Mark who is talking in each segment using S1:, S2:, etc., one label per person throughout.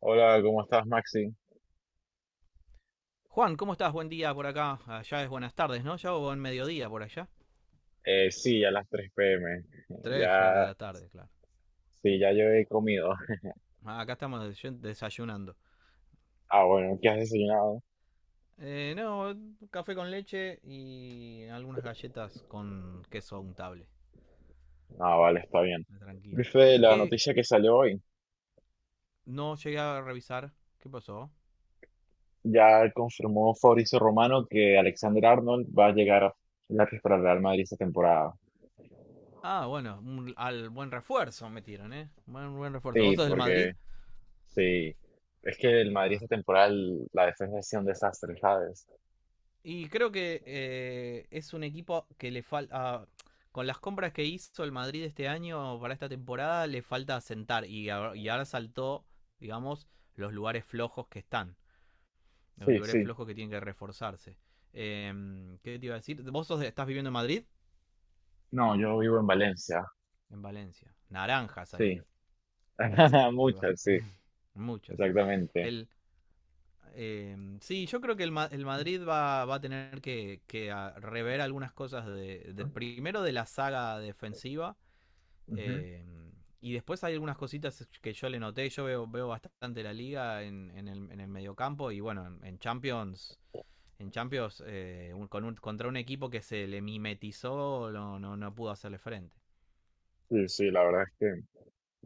S1: Hola, ¿cómo estás, Maxi?
S2: Juan, ¿cómo estás? Buen día por acá. Allá es buenas tardes, ¿no? Ya o buen mediodía por allá.
S1: Sí, ya las 3 p.m.
S2: Tres ya de
S1: Ya,
S2: la tarde, claro.
S1: sí, ya yo he comido.
S2: Ah, acá estamos desayunando.
S1: Ah, bueno, ¿qué has desayunado?
S2: No, café con leche y algunas galletas con queso untable.
S1: Ah, vale, está bien.
S2: Tranquilo.
S1: Viste
S2: ¿Qué,
S1: la
S2: qué?
S1: noticia que salió hoy.
S2: No llegué a revisar. ¿Qué pasó?
S1: Ya confirmó Fabrizio Romano que Alexander Arnold va a llegar gratis para el Real Madrid esta temporada.
S2: Ah, bueno, al buen refuerzo metieron, ¿eh? Buen refuerzo. ¿Vos
S1: Sí,
S2: sos del Madrid?
S1: porque sí. Es que el Madrid
S2: Ah,
S1: esta temporada, la defensa ha sido un desastre, ¿sabes?
S2: Y creo que es un equipo que le falta. Con las compras que hizo el Madrid este año para esta temporada, le falta asentar. Y ahora saltó, digamos, los lugares flojos que están. Los
S1: Sí,
S2: lugares
S1: sí.
S2: flojos que tienen que reforzarse. ¿Qué te iba a decir? ¿Vos sos estás viviendo en Madrid?
S1: No, yo vivo en Valencia.
S2: En Valencia. Naranjas hay
S1: Sí.
S2: ahí. El ba-
S1: Muchas, sí,
S2: muchas.
S1: exactamente.
S2: El, sí, yo creo que el Madrid va a tener que rever algunas cosas primero de la saga defensiva. Eh, y después hay algunas cositas que yo le noté. Yo veo bastante la liga en el mediocampo. Y bueno, en Champions. En Champions, contra un equipo que se le mimetizó, no, no pudo hacerle frente.
S1: Sí, sí, la verdad es que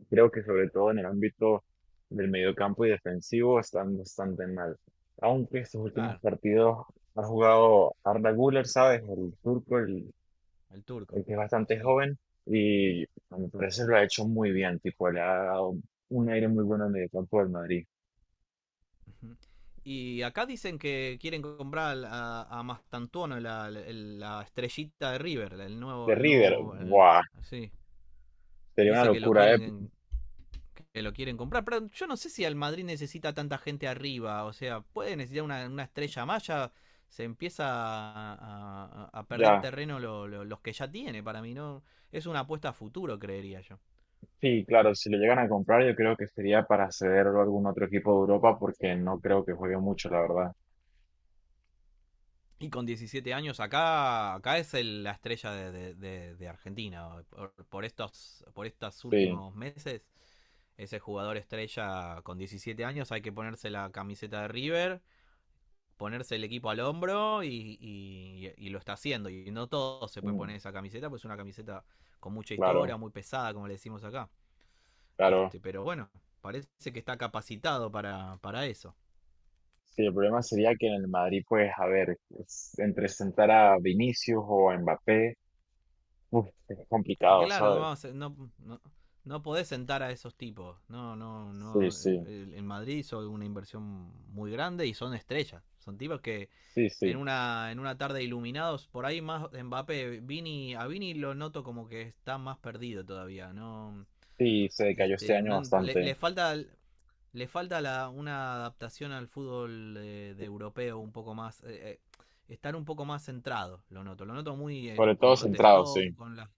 S1: creo que sobre todo en el ámbito del mediocampo y defensivo están bastante mal. Aunque estos últimos
S2: Claro.
S1: partidos ha jugado Arda Güler, ¿sabes? El turco, el,
S2: El turco.
S1: el que es bastante
S2: Sí.
S1: joven y a mi parecer lo ha hecho muy bien, tipo, le ha dado un aire muy bueno al mediocampo del Madrid.
S2: Ujú. Y acá dicen que quieren comprar a Mastantuono, la estrellita de River, el
S1: De
S2: nuevo, el
S1: River,
S2: nuevo, el-
S1: ¡buah!
S2: sí.
S1: Sería una
S2: Dice
S1: locura, ¿eh?
S2: que lo quieren comprar. Pero yo no sé si el Madrid necesita tanta gente arriba. O sea, puede necesitar una estrella más. Ya se empieza a perder
S1: Ya,
S2: terreno los que ya tiene. Para mí, ¿no? Es una apuesta a futuro, creería yo.
S1: sí, claro, si lo llegan a comprar yo creo que sería para cederlo a algún otro equipo de Europa porque no creo que juegue mucho, la verdad.
S2: Y con 17 años acá es la estrella de Argentina. Por estos
S1: Sí.
S2: últimos meses, ese jugador estrella con 17 años hay que ponerse la camiseta de River, ponerse el equipo al hombro y lo está haciendo. Y no todos se pueden
S1: Mm.
S2: poner esa camiseta, pues es una camiseta con mucha
S1: Claro,
S2: historia, muy pesada, como le decimos acá.
S1: claro.
S2: Pero bueno, parece que está capacitado para eso.
S1: Sí, el problema sería que en el Madrid, pues, a ver, entre sentar a Vinicius o a Mbappé, uf, es
S2: Y que
S1: complicado,
S2: claro,
S1: ¿sabes?
S2: no, no, no, podés sentar a esos tipos. No, no,
S1: Sí,
S2: no.
S1: sí,
S2: En Madrid hizo una inversión muy grande y son estrellas. Son tipos que
S1: sí,
S2: en
S1: sí.
S2: una, en una tarde iluminados, por ahí más Mbappé, a Vini lo noto como que está más perdido todavía. No,
S1: Sí, se decayó este año
S2: No, le, le
S1: bastante.
S2: falta le falta una adaptación al fútbol de europeo un poco más, estar un poco más centrado, lo noto muy,
S1: Sobre
S2: con
S1: todo centrado,
S2: protestón,
S1: sí.
S2: con las,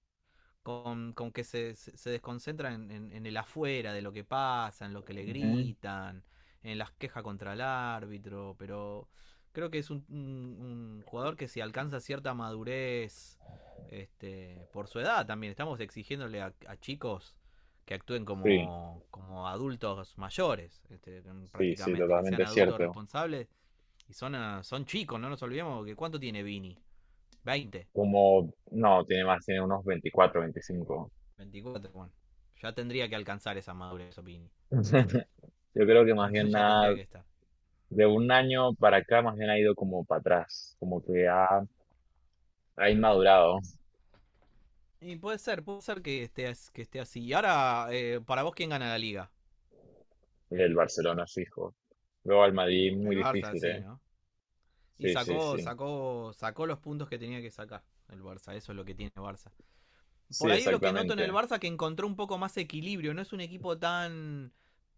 S2: con que se desconcentran en el afuera de lo que pasa, en lo que le
S1: Ujú.
S2: gritan, en las quejas contra el árbitro, pero creo que es un jugador que si alcanza cierta madurez, por su edad también, estamos exigiéndole a chicos que actúen
S1: Sí,
S2: como adultos mayores,
S1: sí, sí,
S2: prácticamente, que sean
S1: totalmente
S2: adultos
S1: cierto.
S2: responsables, y son chicos. No nos olvidemos que cuánto tiene Vini, 20.
S1: Como, no, tiene más, tiene unos 24 25.
S2: 24, bueno. Ya tendría que alcanzar esa madurez, Opini. Entonces,
S1: Yo creo que más bien
S2: ya tendría
S1: nada,
S2: que estar.
S1: de un año para acá, más bien ha ido como para atrás, como que ha inmadurado.
S2: Y puede ser que esté así. Y ahora, para vos, ¿quién gana la liga?
S1: El Barcelona fijo. Luego al Madrid muy
S2: El Barça,
S1: difícil,
S2: sí,
S1: ¿eh?
S2: ¿no? Y
S1: Sí, sí,
S2: sacó,
S1: sí.
S2: sacó, sacó los puntos que tenía que sacar el Barça. Eso es lo que tiene el Barça.
S1: Sí,
S2: Por ahí lo que noto en el
S1: exactamente.
S2: Barça que encontró un poco más equilibrio. No es un equipo tan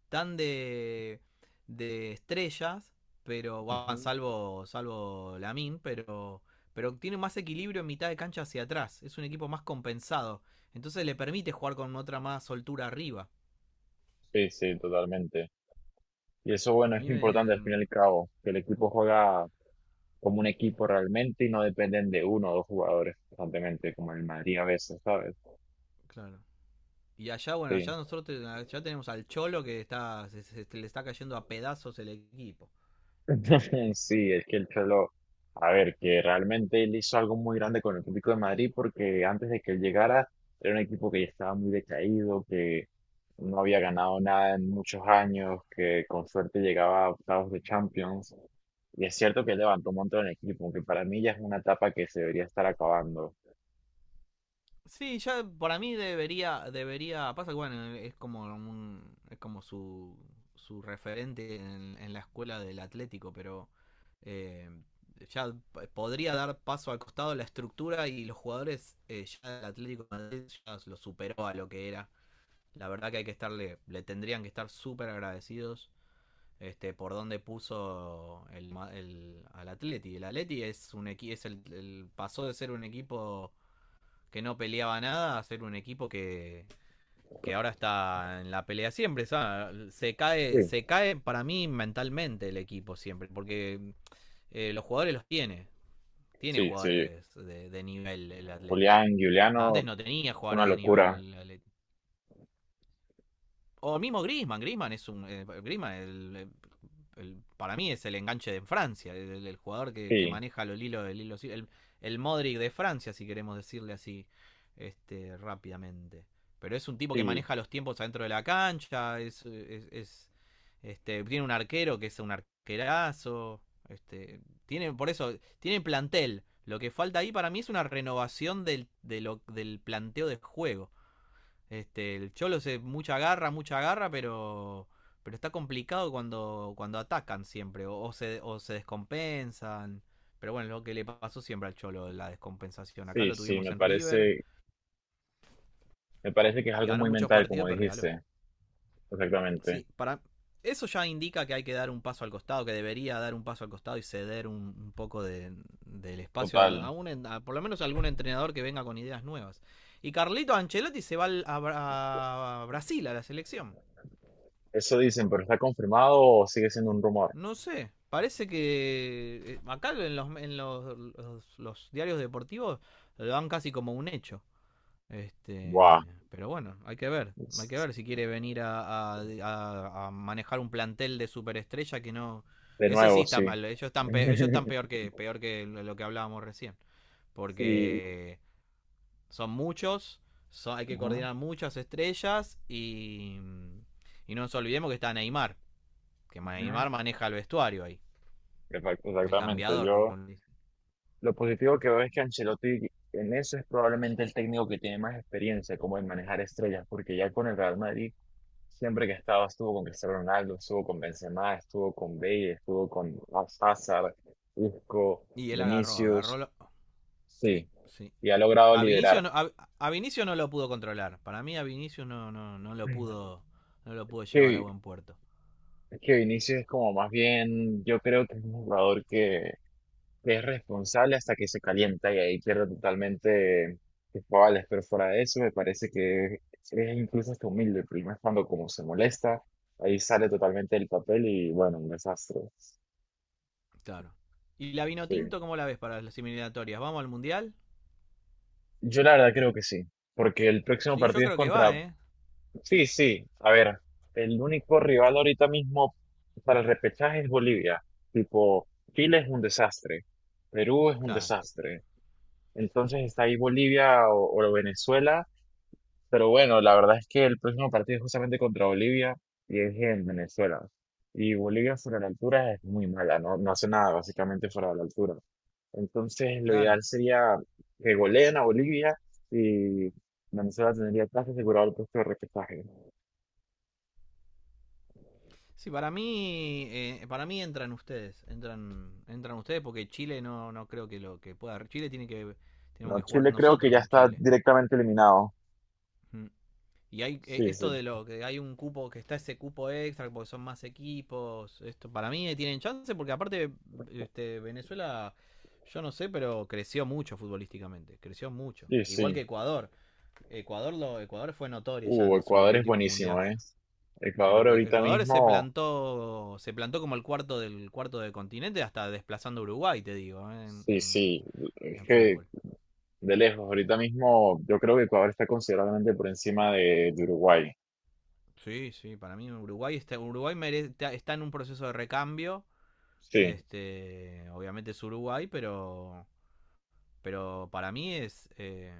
S2: tan de estrellas, pero bueno,
S1: Ujú.
S2: salvo Lamin, pero tiene más equilibrio en mitad de cancha hacia atrás. Es un equipo más compensado. Entonces le permite jugar con otra más soltura arriba.
S1: Sí, sí, totalmente. Y eso,
S2: A
S1: bueno, es
S2: mí me...
S1: importante al fin y al cabo, que el equipo juega como un equipo realmente y no dependen de uno o dos jugadores constantemente, como el Madrid a veces, ¿sabes?
S2: claro. Y bueno, allá
S1: Sí.
S2: nosotros allá tenemos al Cholo que se le está cayendo a pedazos el equipo.
S1: Sí, es que el Cholo, a ver, que realmente él hizo algo muy grande con el Atlético de Madrid porque antes de que él llegara era un equipo que ya estaba muy decaído, que no había ganado nada en muchos años, que con suerte llegaba a octavos de Champions. Y es cierto que él levantó un montón el equipo, aunque para mí ya es una etapa que se debería estar acabando.
S2: Sí, ya para mí debería, pasa que bueno, es como un, es como su referente en la escuela del Atlético, pero, eh, ya podría dar paso al costado la estructura y los jugadores. Ya el Atlético de Madrid ya lo superó a lo que era. La verdad que hay que le tendrían que estar súper agradecidos, por donde puso al Atleti. El Atleti es un equi- es el- pasó de ser un equipo que no peleaba nada a ser un equipo que ahora está en la pelea siempre. ¿Sabes? Se cae,
S1: Sí,
S2: se cae para mí mentalmente el equipo siempre, porque, los jugadores los tiene. Tiene
S1: sí, sí.
S2: jugadores de nivel el Atleti.
S1: Julián
S2: Antes
S1: Giuliano,
S2: no tenía
S1: una
S2: jugadores de nivel
S1: locura.
S2: el Atleti. O mismo Griezmann, es un, Griezmann el, para mí es el enganche de Francia, el jugador que
S1: Sí,
S2: maneja los hilos, sí, el el Modric de Francia, si queremos decirle así, rápidamente. Pero es un tipo que
S1: sí,
S2: maneja los tiempos adentro de la cancha. Tiene un arquero que es un arquerazo. este Tiene, por eso tiene plantel. Lo que falta ahí para mí es una renovación del planteo de juego. El Cholo se mucha garra, pero está complicado cuando atacan siempre, o se descompensan. Pero bueno, lo que le pasó siempre al Cholo, la descompensación. Acá
S1: sí,
S2: lo
S1: sí,
S2: tuvimos en River
S1: me parece que es
S2: y
S1: algo
S2: ganó
S1: muy
S2: muchos
S1: mental, como
S2: partidos, pero regaló.
S1: dijiste. Exactamente.
S2: Sí, para eso ya indica que hay que dar un paso al costado, que debería dar un paso al costado y ceder un poco del espacio a, a
S1: Total.
S2: un, a por lo menos a algún entrenador que venga con ideas nuevas. Y Carlito Ancelotti se va a Brasil, a la selección.
S1: Eso dicen, pero ¿está confirmado o sigue siendo un rumor?
S2: No sé, parece que, acá en los, los diarios deportivos lo dan casi como un hecho.
S1: Buah.
S2: Pero bueno, hay que ver si quiere venir a manejar un plantel de superestrella que no,
S1: De
S2: ese sí
S1: nuevo,
S2: está
S1: sí.
S2: mal, ellos están peor que lo que hablábamos recién,
S1: Sí.
S2: porque son muchos, hay que
S1: Ajá,
S2: coordinar muchas estrellas y, no nos olvidemos que está Neymar, que
S1: ajá.
S2: Neymar maneja el vestuario ahí. El
S1: Exactamente.
S2: cambiador.
S1: Yo lo positivo que veo es que Ancelotti en eso es probablemente el técnico que tiene más experiencia como en manejar estrellas, porque ya con el Real Madrid siempre que estaba estuvo con Cristiano Ronaldo, estuvo con Benzema, estuvo con Bale, estuvo con Hazard, Isco,
S2: Y él agarró.
S1: Vinicius, sí,
S2: Sí.
S1: y ha logrado
S2: A Vinicio,
S1: liderar.
S2: no, a, a Vinicio no lo pudo controlar. Para mí a Vinicio no lo pudo llevar a
S1: Que,
S2: buen puerto.
S1: que Vinicius es como más bien, yo creo que es un jugador que es responsable hasta que se calienta y ahí pierde totalmente sus cabales, pero fuera de eso me parece que es incluso hasta humilde, porque más cuando como se molesta, ahí sale totalmente del papel y bueno, un desastre.
S2: Claro. ¿Y la
S1: Sí.
S2: Vinotinto cómo la ves para las eliminatorias? ¿Vamos al Mundial?
S1: Yo la verdad creo que sí, porque el próximo
S2: Sí, yo
S1: partido es
S2: creo que
S1: contra...
S2: va, ¿eh?
S1: Sí, sí, a ver, el único rival ahorita mismo para el repechaje es Bolivia, tipo, Chile es un desastre, Perú es un
S2: Claro,
S1: desastre, entonces está ahí Bolivia o Venezuela. Pero bueno, la verdad es que el próximo partido es justamente contra Bolivia y es en Venezuela. Y Bolivia fuera de la altura es muy mala, no, no hace nada básicamente fuera de la altura. Entonces lo
S2: claro.
S1: ideal sería que goleen a Bolivia y Venezuela tendría casi asegurado el puesto de repechaje.
S2: Sí, para mí, entran ustedes, entran ustedes porque Chile no creo que lo que pueda. Chile tenemos
S1: No,
S2: que jugar
S1: Chile creo que
S2: nosotros
S1: ya
S2: con
S1: está
S2: Chile.
S1: directamente eliminado.
S2: Mm. Y hay,
S1: Sí,
S2: esto
S1: sí,
S2: de lo que hay un cupo, que está ese cupo extra porque son más equipos. Esto para mí, tienen chance porque aparte, Venezuela, yo no sé, pero creció mucho futbolísticamente, creció mucho.
S1: sí,
S2: Igual
S1: sí.
S2: que Ecuador. Ecuador fue notorio ya en, los, en el
S1: Ecuador es
S2: último
S1: buenísimo,
S2: mundial.
S1: ¿eh?
S2: El
S1: Ecuador ahorita
S2: Ecuador se
S1: mismo,
S2: plantó se plantó como el cuarto del continente, hasta desplazando a Uruguay, te digo,
S1: sí, sí. Es
S2: en
S1: que
S2: fútbol.
S1: de lejos, ahorita mismo yo creo que Ecuador está considerablemente por encima de Uruguay.
S2: Sí, sí, para mí Uruguay está en un proceso de recambio.
S1: Sí,
S2: Obviamente es Uruguay, pero, para mí es,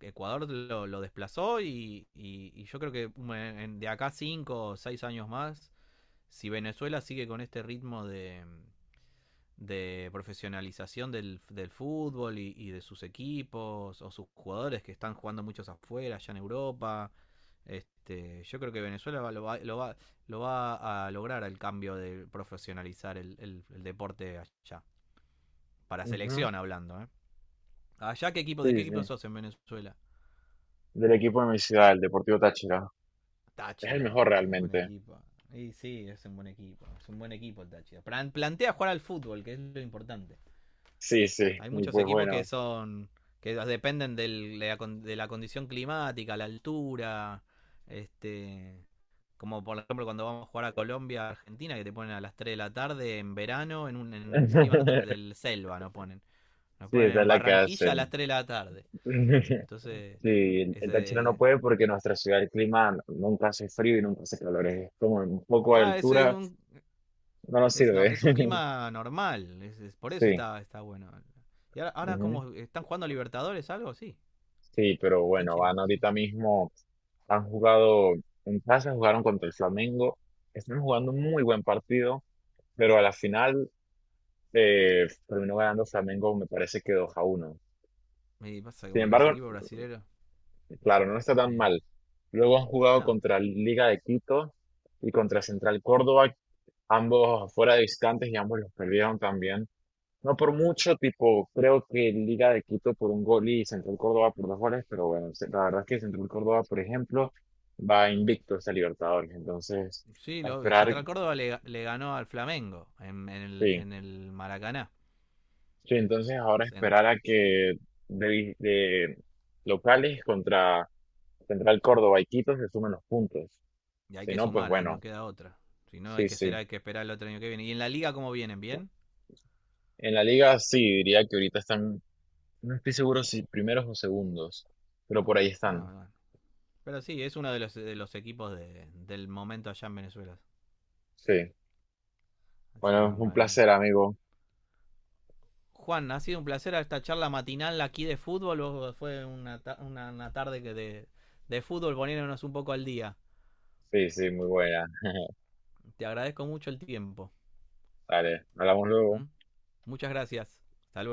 S2: Ecuador lo desplazó, y yo creo que de acá cinco o seis años más, si Venezuela sigue con este ritmo de profesionalización del fútbol y de sus equipos o sus jugadores que están jugando muchos afuera, allá en Europa, yo creo que Venezuela lo va a lograr el cambio de profesionalizar el deporte allá. Para
S1: ujú.
S2: selección hablando, ¿eh? ¿Allá qué equipo? ¿De qué
S1: Sí,
S2: equipo
S1: sí.
S2: sos en Venezuela?
S1: Del equipo de mi ciudad, el Deportivo Táchira. Es el mejor
S2: Táchira, qué buen
S1: realmente.
S2: equipo. Y sí, es un buen equipo. Es un buen equipo el Táchira. Plantea jugar al fútbol, que es lo importante.
S1: Sí, sí.
S2: Hay
S1: Y
S2: muchos
S1: pues
S2: equipos que
S1: bueno.
S2: son. Que dependen de la condición climática, la altura. Este. Como por ejemplo cuando vamos a jugar a Colombia, Argentina, que te ponen a las 3 de la tarde en verano en un en clima del selva, nos ponen. Nos
S1: Sí,
S2: ponen
S1: esa es
S2: en
S1: la que
S2: Barranquilla a las
S1: hacen.
S2: 3 de la tarde. Entonces,
S1: Sí, el Táchira no
S2: ese,
S1: puede porque en nuestra ciudad el clima nunca hace frío y nunca hace calor. Es como un poco de
S2: claro, ese es
S1: altura,
S2: un,
S1: no nos
S2: es, nor-
S1: sirve.
S2: es un clima normal, es, por eso
S1: Sí.
S2: está bueno. Y ahora como están jugando a Libertadores, algo, sí,
S1: Sí, pero
S2: está
S1: bueno,
S2: chira,
S1: van
S2: sí.
S1: ahorita mismo, han jugado en casa, jugaron contra el Flamengo, están jugando un muy buen partido, pero a la final, terminó ganando Flamengo, me parece que 2-1.
S2: Me pasa que
S1: Sin
S2: bueno, los
S1: embargo,
S2: equipos brasileños
S1: claro, no está tan
S2: tienen...
S1: mal. Luego han jugado
S2: No,
S1: contra Liga de Quito y contra Central Córdoba, ambos fuera de distantes y ambos los perdieron también. No por mucho, tipo, creo que Liga de Quito por un gol y Central Córdoba por dos goles, pero bueno, la verdad es que Central Córdoba, por ejemplo, va invicto esta Libertadores, entonces,
S2: sí,
S1: a esperar,
S2: Central Córdoba le ganó al Flamengo en, en el,
S1: sí,
S2: en el Maracaná.
S1: sí, entonces ahora
S2: O en-
S1: esperar a que de locales contra Central Córdoba y Quito se sumen los puntos,
S2: y hay
S1: si
S2: que
S1: no, pues
S2: sumar, ahí no
S1: bueno,
S2: queda otra. Si no,
S1: sí, sí.
S2: hay que esperar el otro año que viene. ¿Y en la liga cómo vienen? ¿Bien?
S1: En la Liga sí, diría que ahorita están, no estoy seguro si primeros o segundos, pero por ahí
S2: Ah,
S1: están,
S2: bueno. Pero sí, es uno de los, equipos del momento allá en Venezuela.
S1: sí.
S2: Así que
S1: Bueno, un
S2: mamá mía.
S1: placer, amigo.
S2: Juan, ha sido un placer esta charla matinal aquí de fútbol. Fue una tarde de fútbol poniéndonos un poco al día.
S1: Sí, sí, muy buena.
S2: Te agradezco mucho el tiempo.
S1: Dale, hablamos luego.
S2: ¿M? Muchas gracias. Hasta luego.